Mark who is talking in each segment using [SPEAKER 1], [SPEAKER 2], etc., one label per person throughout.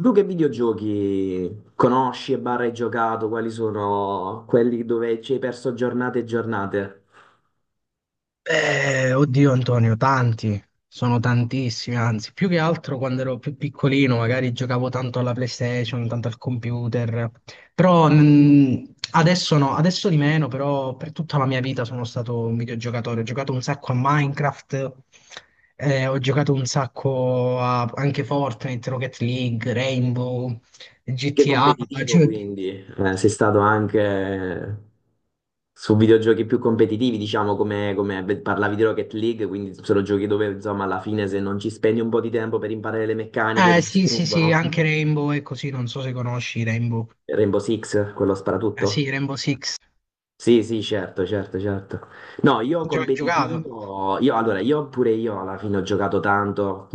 [SPEAKER 1] Tu che videogiochi conosci e barra hai giocato? Quali sono quelli dove ci hai perso giornate e giornate?
[SPEAKER 2] Oddio Antonio, tanti, sono tantissimi, anzi, più che altro quando ero più piccolino, magari giocavo tanto alla PlayStation, tanto al computer, però adesso no, adesso di meno, però per tutta la mia vita sono stato un videogiocatore, ho giocato un sacco a Minecraft, ho giocato un sacco a anche Fortnite, Rocket League, Rainbow,
[SPEAKER 1] Che
[SPEAKER 2] GTA.
[SPEAKER 1] competitivo,
[SPEAKER 2] Cioè,
[SPEAKER 1] quindi sei stato anche su videogiochi più competitivi, diciamo, come beh, parlavi di Rocket League, quindi sono giochi dove, insomma, alla fine se non ci spendi un po' di tempo per imparare le meccaniche
[SPEAKER 2] eh
[SPEAKER 1] ti
[SPEAKER 2] sì, sì, sì,
[SPEAKER 1] distruggono.
[SPEAKER 2] anche Rainbow e così, non so se conosci Rainbow.
[SPEAKER 1] Rainbow Six, quello
[SPEAKER 2] Eh
[SPEAKER 1] sparatutto?
[SPEAKER 2] sì, Rainbow Six.
[SPEAKER 1] Sì, sì, certo, certo, certo. No, io
[SPEAKER 2] Giocato.
[SPEAKER 1] competitivo, io allora, io pure io alla fine ho giocato tanto,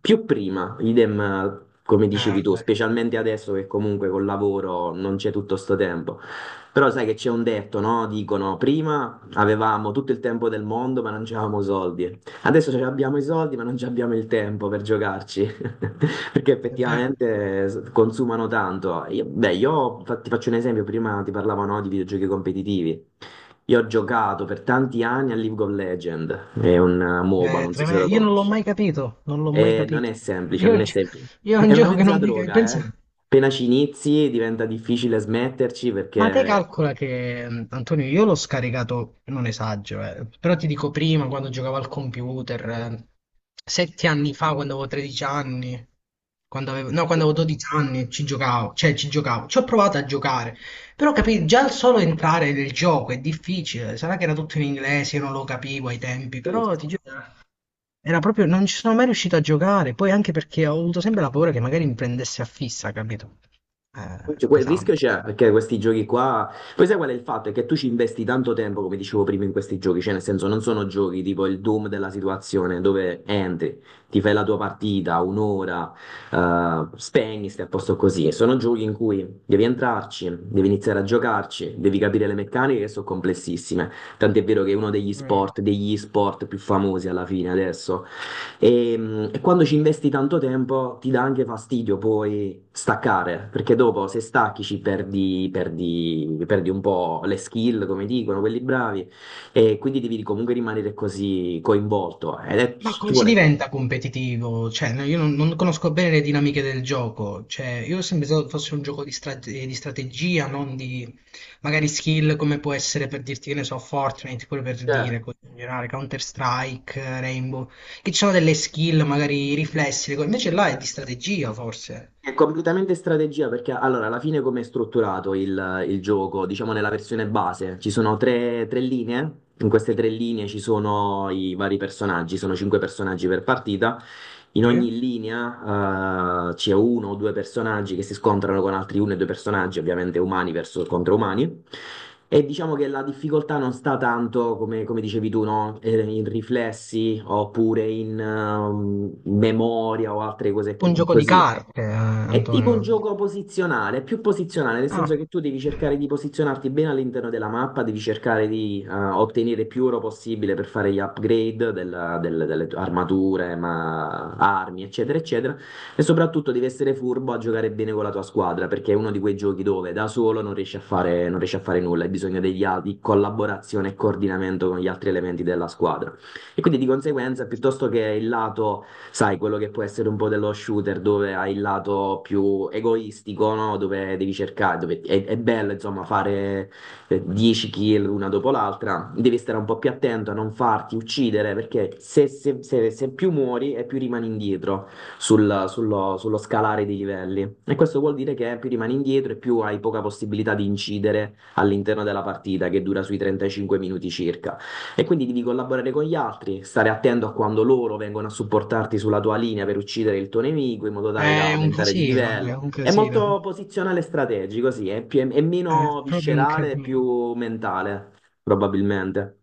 [SPEAKER 1] più prima, idem come dicevi tu,
[SPEAKER 2] Beh,
[SPEAKER 1] specialmente adesso che comunque col lavoro non c'è tutto sto tempo. Però sai che c'è un detto, no? Dicono, prima avevamo tutto il tempo del mondo, ma non c'avevamo soldi. Adesso ce abbiamo i soldi, ma non ci abbiamo il tempo per giocarci, perché
[SPEAKER 2] è vero.
[SPEAKER 1] effettivamente consumano tanto. Beh, ti faccio un esempio, prima ti parlavo, no, di videogiochi competitivi. Io ho giocato per tanti anni a League of Legends, è un MOBA,
[SPEAKER 2] È
[SPEAKER 1] non so se
[SPEAKER 2] tremendo.
[SPEAKER 1] lo
[SPEAKER 2] Io non l'ho
[SPEAKER 1] conosci.
[SPEAKER 2] mai capito, non l'ho mai
[SPEAKER 1] E non
[SPEAKER 2] capito.
[SPEAKER 1] è semplice,
[SPEAKER 2] Io, è
[SPEAKER 1] non
[SPEAKER 2] un
[SPEAKER 1] è
[SPEAKER 2] gio-
[SPEAKER 1] semplice.
[SPEAKER 2] io è
[SPEAKER 1] È
[SPEAKER 2] un
[SPEAKER 1] una
[SPEAKER 2] gioco che
[SPEAKER 1] mezza
[SPEAKER 2] non mi capisco.
[SPEAKER 1] droga, eh.
[SPEAKER 2] Pensa.
[SPEAKER 1] Appena ci inizi diventa difficile smetterci
[SPEAKER 2] Ma te
[SPEAKER 1] perché.
[SPEAKER 2] calcola che, Antonio, io l'ho scaricato, non esagero, però ti dico prima, quando giocavo al computer, 7 anni fa, quando avevo 13 anni, quando avevo, no, quando avevo 12 anni, ci giocavo, cioè ci giocavo, ci ho provato a giocare, però capì, già il solo entrare nel gioco è difficile, sarà che era tutto in inglese, io non lo capivo ai tempi, però ti giuro, era proprio, non ci sono mai riuscito a giocare, poi anche perché ho avuto sempre la paura che magari mi prendesse a fissa, capito?
[SPEAKER 1] Cioè, quel rischio
[SPEAKER 2] Pesante.
[SPEAKER 1] c'è perché questi giochi qua. Poi sai qual è il fatto? È che tu ci investi tanto tempo, come dicevo prima, in questi giochi. Cioè, nel senso, non sono giochi tipo il Doom della situazione dove entri, ti fai la tua partita, un'ora, spegni, stai a posto così. Sono giochi in cui devi entrarci, devi iniziare a giocarci, devi capire le meccaniche che sono complessissime. Tant'è vero che è uno degli
[SPEAKER 2] Mm.
[SPEAKER 1] sport, degli sport più famosi alla fine adesso. E quando ci investi tanto tempo ti dà anche fastidio poi staccare, perché dopo se stacchi ci perdi un po' le skill, come dicono quelli bravi, e quindi devi comunque rimanere così coinvolto. Ed è,
[SPEAKER 2] Ma
[SPEAKER 1] ci
[SPEAKER 2] come si
[SPEAKER 1] vuole,
[SPEAKER 2] diventa competitivo? Cioè, no, io non conosco bene le dinamiche del gioco. Cioè, io ho sempre pensato fosse un gioco di strategia, non di magari skill come può essere per dirti, che ne so, Fortnite, pure per
[SPEAKER 1] certo.
[SPEAKER 2] dire, così in generale, Counter-Strike, Rainbow, che ci sono delle skill, magari riflessi, le cose. Invece là è di strategia, forse.
[SPEAKER 1] È completamente strategia perché allora alla fine come è strutturato il gioco? Diciamo nella versione base ci sono tre linee, in queste tre linee ci sono i vari personaggi, sono cinque personaggi per partita, in
[SPEAKER 2] Sì?
[SPEAKER 1] ogni linea c'è uno o due personaggi che si scontrano con altri uno e due personaggi, ovviamente umani verso, contro umani. E diciamo che la difficoltà non sta tanto, come dicevi tu, no? In riflessi oppure in memoria o altre cose
[SPEAKER 2] Un gioco di
[SPEAKER 1] così.
[SPEAKER 2] carte,
[SPEAKER 1] È tipo un
[SPEAKER 2] Antonio.
[SPEAKER 1] gioco posizionale, più posizionale, nel senso
[SPEAKER 2] Ah,
[SPEAKER 1] che tu devi cercare di posizionarti bene all'interno della mappa, devi cercare di ottenere più oro possibile per fare gli upgrade delle tue armature, armi, eccetera, eccetera. E soprattutto devi essere furbo a giocare bene con la tua squadra, perché è uno di quei giochi dove da solo non riesci a fare nulla, hai bisogno di collaborazione e coordinamento con gli altri elementi della squadra. E quindi di conseguenza, piuttosto che il lato, sai, quello che può essere un po' dello shooter, dove hai il lato più egoistico, no? Dove devi cercare, dove è bello, insomma, fare 10 kill una dopo l'altra, devi stare un po' più attento a non farti uccidere, perché se più muori e più rimani indietro sullo scalare dei livelli. E questo vuol dire che più rimani indietro e più hai poca possibilità di incidere all'interno della partita, che dura sui 35 minuti circa. E quindi devi collaborare con gli altri, stare attento a quando loro vengono a supportarti sulla tua linea per uccidere il tuo nemico in modo tale da
[SPEAKER 2] è un
[SPEAKER 1] aumentare di
[SPEAKER 2] casino, è
[SPEAKER 1] livello.
[SPEAKER 2] un
[SPEAKER 1] È molto
[SPEAKER 2] casino.
[SPEAKER 1] posizionale e strategico, sì, è
[SPEAKER 2] È
[SPEAKER 1] meno
[SPEAKER 2] proprio un
[SPEAKER 1] viscerale, è più
[SPEAKER 2] casino.
[SPEAKER 1] mentale, probabilmente.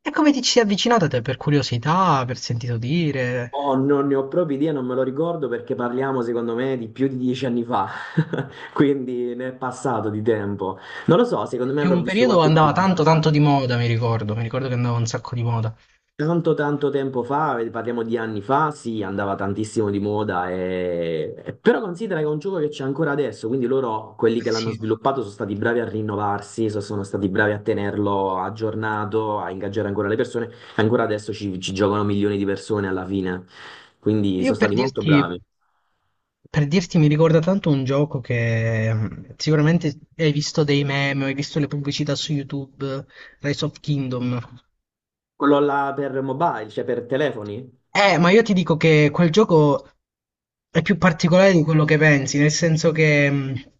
[SPEAKER 2] E come ti ci sei avvicinata te? Per curiosità, per sentito dire?
[SPEAKER 1] Oh, non ne ho proprio idea, non me lo ricordo perché parliamo, secondo me, di più di 10 anni fa, quindi ne è passato di tempo. Non lo so, secondo me
[SPEAKER 2] Che
[SPEAKER 1] avrò
[SPEAKER 2] un
[SPEAKER 1] visto
[SPEAKER 2] periodo
[SPEAKER 1] qualche
[SPEAKER 2] andava tanto
[SPEAKER 1] pubblicità.
[SPEAKER 2] tanto di moda, mi ricordo che andava un sacco di moda.
[SPEAKER 1] Tanto tanto tempo fa, parliamo di anni fa, sì, andava tantissimo di moda, però considera che è un gioco che c'è ancora adesso, quindi loro, quelli che
[SPEAKER 2] Eh
[SPEAKER 1] l'hanno
[SPEAKER 2] sì,
[SPEAKER 1] sviluppato, sono stati bravi a rinnovarsi, sono stati bravi a tenerlo aggiornato, a ingaggiare ancora le persone, ancora adesso ci giocano milioni di persone alla fine, quindi
[SPEAKER 2] io
[SPEAKER 1] sono
[SPEAKER 2] per
[SPEAKER 1] stati molto
[SPEAKER 2] dirti,
[SPEAKER 1] bravi.
[SPEAKER 2] per dirti mi ricorda tanto un gioco che sicuramente hai visto dei meme, hai visto le pubblicità su YouTube, Rise of Kingdom.
[SPEAKER 1] Quello là per mobile, cioè per telefoni?
[SPEAKER 2] Ma io ti dico che quel gioco è più particolare di quello che pensi, nel senso che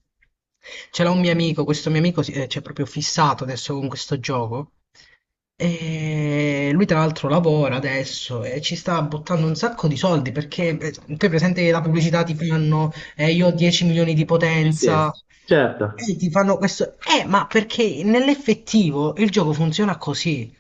[SPEAKER 2] ce l'ha un mio amico, questo mio amico c'è proprio fissato adesso con questo gioco. E lui tra l'altro lavora adesso e ci sta buttando un sacco di soldi perché te presente che la pubblicità ti fanno io ho 10 milioni di
[SPEAKER 1] Sì, sì,
[SPEAKER 2] potenza
[SPEAKER 1] certo,
[SPEAKER 2] e ti fanno questo ma perché nell'effettivo il gioco funziona così,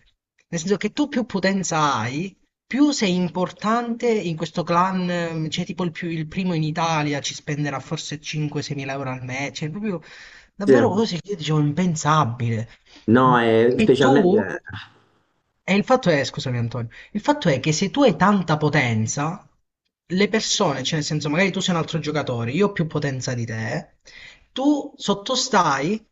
[SPEAKER 2] nel senso che tu più potenza hai più sei importante in questo clan, cioè tipo il primo in Italia ci spenderà forse 5-6 mila euro al mese, cioè proprio
[SPEAKER 1] sì.
[SPEAKER 2] davvero cose che io dicevo impensabile.
[SPEAKER 1] No, è
[SPEAKER 2] E tu?
[SPEAKER 1] specialmente.
[SPEAKER 2] E il fatto è, scusami Antonio, il fatto è che se tu hai tanta potenza, le persone, cioè nel senso magari tu sei un altro giocatore, io ho più potenza di te, tu sottostai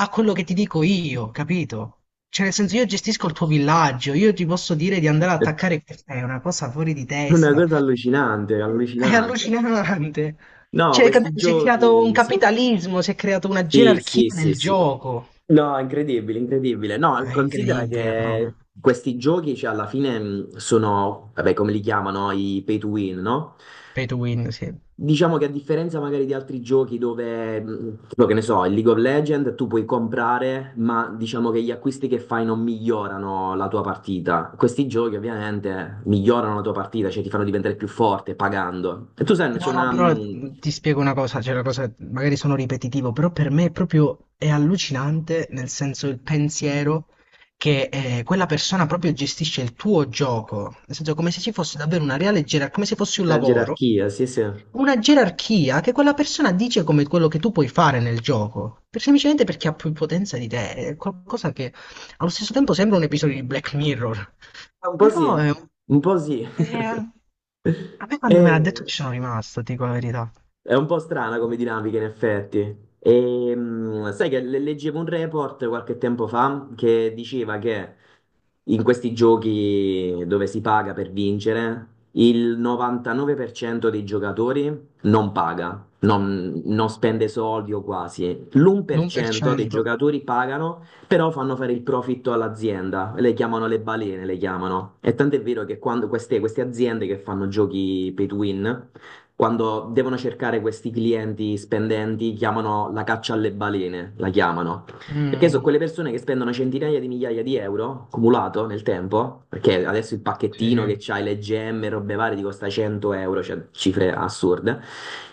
[SPEAKER 2] a quello che ti dico io, capito? Cioè nel senso io gestisco il tuo villaggio, io ti posso dire di andare ad attaccare, è una cosa fuori di
[SPEAKER 1] Una
[SPEAKER 2] testa,
[SPEAKER 1] cosa allucinante,
[SPEAKER 2] è
[SPEAKER 1] allucinante.
[SPEAKER 2] allucinante.
[SPEAKER 1] No,
[SPEAKER 2] Cioè,
[SPEAKER 1] questi
[SPEAKER 2] capito? Si è creato un
[SPEAKER 1] giochi.
[SPEAKER 2] capitalismo, si è creata una
[SPEAKER 1] Sì,
[SPEAKER 2] gerarchia
[SPEAKER 1] sì, sì,
[SPEAKER 2] nel
[SPEAKER 1] sì.
[SPEAKER 2] gioco.
[SPEAKER 1] No, incredibile, incredibile. No,
[SPEAKER 2] È
[SPEAKER 1] considera
[SPEAKER 2] incredibile
[SPEAKER 1] che
[SPEAKER 2] proprio.
[SPEAKER 1] questi giochi, cioè, alla fine sono, vabbè, come li chiamano, i pay to win, no?
[SPEAKER 2] Pay to win, sì.
[SPEAKER 1] Diciamo che a differenza magari di altri giochi dove, tipo, che ne so, il League of Legends, tu puoi comprare, ma diciamo che gli acquisti che fai non migliorano la tua partita. Questi giochi ovviamente migliorano la tua partita, cioè ti fanno diventare più forte pagando. E tu sai, c'è
[SPEAKER 2] No, no,
[SPEAKER 1] una,
[SPEAKER 2] però
[SPEAKER 1] mh,
[SPEAKER 2] ti spiego una cosa, cioè la cosa, magari sono ripetitivo, però per me è proprio è allucinante, nel senso il pensiero che quella persona proprio gestisce il tuo gioco, nel senso come se ci fosse davvero una reale gerarchia, come se fosse un
[SPEAKER 1] una
[SPEAKER 2] lavoro,
[SPEAKER 1] gerarchia, sì, sì.
[SPEAKER 2] una gerarchia che quella persona dice come quello che tu puoi fare nel gioco, semplicemente perché ha più potenza di te, è qualcosa che allo stesso tempo sembra un episodio di Black Mirror,
[SPEAKER 1] Un po' sì,
[SPEAKER 2] però
[SPEAKER 1] un po' sì.
[SPEAKER 2] è- a me quando me l'ha detto
[SPEAKER 1] E,
[SPEAKER 2] ci sono rimasto, ti dico la verità.
[SPEAKER 1] è un po' strana come dinamica, in effetti. E, sai che leggevo un report qualche tempo fa che diceva che in questi giochi dove si paga per vincere, il 99% dei giocatori non paga, non spende soldi o quasi.
[SPEAKER 2] L'un per
[SPEAKER 1] L'1% dei
[SPEAKER 2] cento.
[SPEAKER 1] giocatori pagano, però fanno fare il profitto all'azienda. Le chiamano le balene, le chiamano. E tant'è vero che quando queste aziende che fanno giochi pay to win quando devono cercare questi clienti spendenti, chiamano la caccia alle balene, la chiamano. Perché sono
[SPEAKER 2] Mh,
[SPEAKER 1] quelle persone che spendono centinaia di migliaia di euro accumulato nel tempo, perché adesso il
[SPEAKER 2] sì,
[SPEAKER 1] pacchettino
[SPEAKER 2] sì.
[SPEAKER 1] che c'hai le gemme, robe varie, ti costa 100 euro, cioè cifre assurde,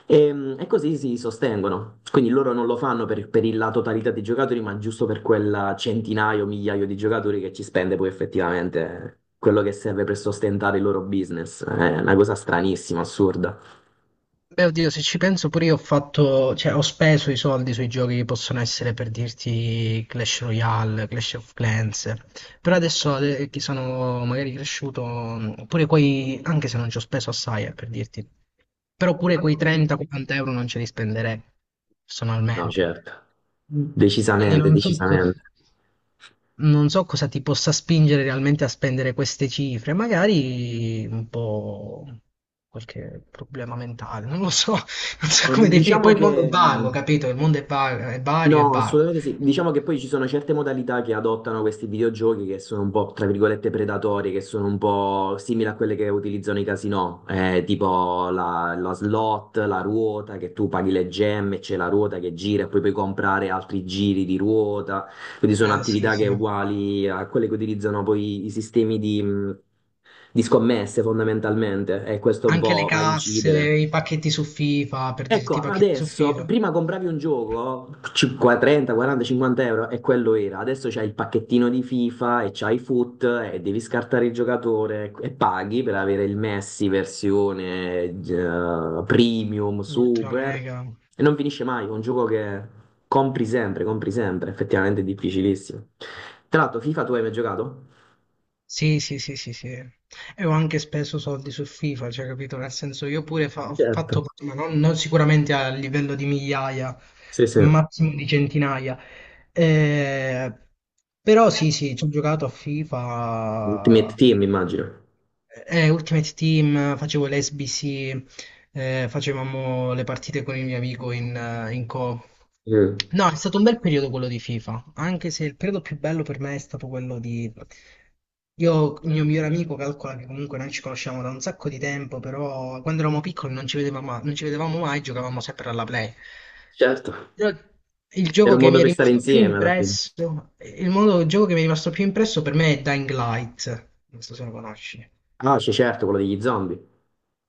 [SPEAKER 1] e così si sostengono. Quindi loro non lo fanno per la totalità dei giocatori, ma giusto per quel centinaio, migliaio di giocatori che ci spende poi effettivamente quello che serve per sostentare il loro business. È una cosa stranissima, assurda.
[SPEAKER 2] Beh, oddio, se ci penso pure io ho fatto, cioè ho speso i soldi sui giochi che possono essere per dirti Clash Royale, Clash of Clans, però adesso che sono magari cresciuto, pure quei, anche se non ci ho speso assai, per dirti, però pure quei 30-40 euro non ce li spenderei,
[SPEAKER 1] No,
[SPEAKER 2] personalmente.
[SPEAKER 1] certo. Mm.
[SPEAKER 2] Quindi
[SPEAKER 1] Decisamente,
[SPEAKER 2] non so cosa.
[SPEAKER 1] decisamente.
[SPEAKER 2] Non so cosa ti possa spingere realmente a spendere queste cifre, magari un po' qualche problema mentale, non lo so, non so come definire.
[SPEAKER 1] Diciamo
[SPEAKER 2] Poi il mondo è
[SPEAKER 1] che,
[SPEAKER 2] vago, capito? Il mondo è vago, è vario e
[SPEAKER 1] no,
[SPEAKER 2] vago.
[SPEAKER 1] assolutamente sì.
[SPEAKER 2] Quindi-
[SPEAKER 1] Diciamo che poi ci sono certe modalità che adottano questi videogiochi che sono un po', tra virgolette, predatorie, che sono un po' simili a quelle che utilizzano i casinò, tipo la slot, la ruota, che tu paghi le gemme, c'è la ruota che gira e poi puoi comprare altri giri di ruota. Quindi sono
[SPEAKER 2] Ah, sì,
[SPEAKER 1] attività che è
[SPEAKER 2] sì.
[SPEAKER 1] uguali a quelle che utilizzano poi i sistemi di scommesse fondamentalmente e questo un
[SPEAKER 2] Anche le
[SPEAKER 1] po' va a
[SPEAKER 2] casse,
[SPEAKER 1] incidere.
[SPEAKER 2] i pacchetti su FIFA, per
[SPEAKER 1] Ecco,
[SPEAKER 2] dirti i pacchetti su
[SPEAKER 1] adesso,
[SPEAKER 2] FIFA,
[SPEAKER 1] prima compravi un gioco, 50, 30, 40, 50 euro, e quello era. Adesso c'hai il pacchettino di FIFA e c'hai i FUT e devi scartare il giocatore ecco, e paghi per avere il Messi versione premium,
[SPEAKER 2] ultra
[SPEAKER 1] super.
[SPEAKER 2] mega.
[SPEAKER 1] E non finisce mai, è un gioco che compri sempre, effettivamente è difficilissimo. Tra l'altro, FIFA tu hai mai giocato?
[SPEAKER 2] Sì, sì, sì, sì, sì. E ho anche speso soldi su FIFA, cioè, capito? Nel senso, io pure ho
[SPEAKER 1] Certo.
[SPEAKER 2] fatto, ma non sicuramente a livello di migliaia,
[SPEAKER 1] Sì, sì.
[SPEAKER 2] massimo di centinaia, eh, però sì, sì, ci ho giocato a
[SPEAKER 1] Ultimate
[SPEAKER 2] FIFA,
[SPEAKER 1] Team, immagino.
[SPEAKER 2] Ultimate Team, facevo l'SBC, facevamo le partite con il mio amico in co.
[SPEAKER 1] Mm.
[SPEAKER 2] No, è stato un bel periodo quello di FIFA, anche se il periodo più bello per me è stato quello di. Io, il mio migliore amico, calcola che comunque noi ci conosciamo da un sacco di tempo, però quando eravamo piccoli non ci vedevamo, non ci vedevamo mai, giocavamo sempre alla Play.
[SPEAKER 1] Certo.
[SPEAKER 2] Però il
[SPEAKER 1] Era
[SPEAKER 2] gioco
[SPEAKER 1] un
[SPEAKER 2] che
[SPEAKER 1] modo
[SPEAKER 2] mi è
[SPEAKER 1] per stare
[SPEAKER 2] rimasto più
[SPEAKER 1] insieme alla fine.
[SPEAKER 2] impresso, il gioco che mi è rimasto più impresso per me è Dying Light, non so se lo conosci.
[SPEAKER 1] Ah, c'è certo, quello degli zombie.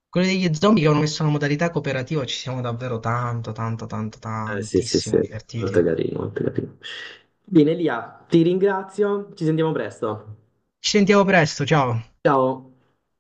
[SPEAKER 2] Quello degli zombie che hanno messo una modalità cooperativa, ci siamo davvero tanto, tanto, tanto,
[SPEAKER 1] Sì, sì, sì,
[SPEAKER 2] tantissimo
[SPEAKER 1] molto
[SPEAKER 2] divertiti.
[SPEAKER 1] carino, molto carino. Bene, Lia, ti ringrazio, ci sentiamo presto.
[SPEAKER 2] Ci sentiamo presto, ciao.
[SPEAKER 1] Ciao.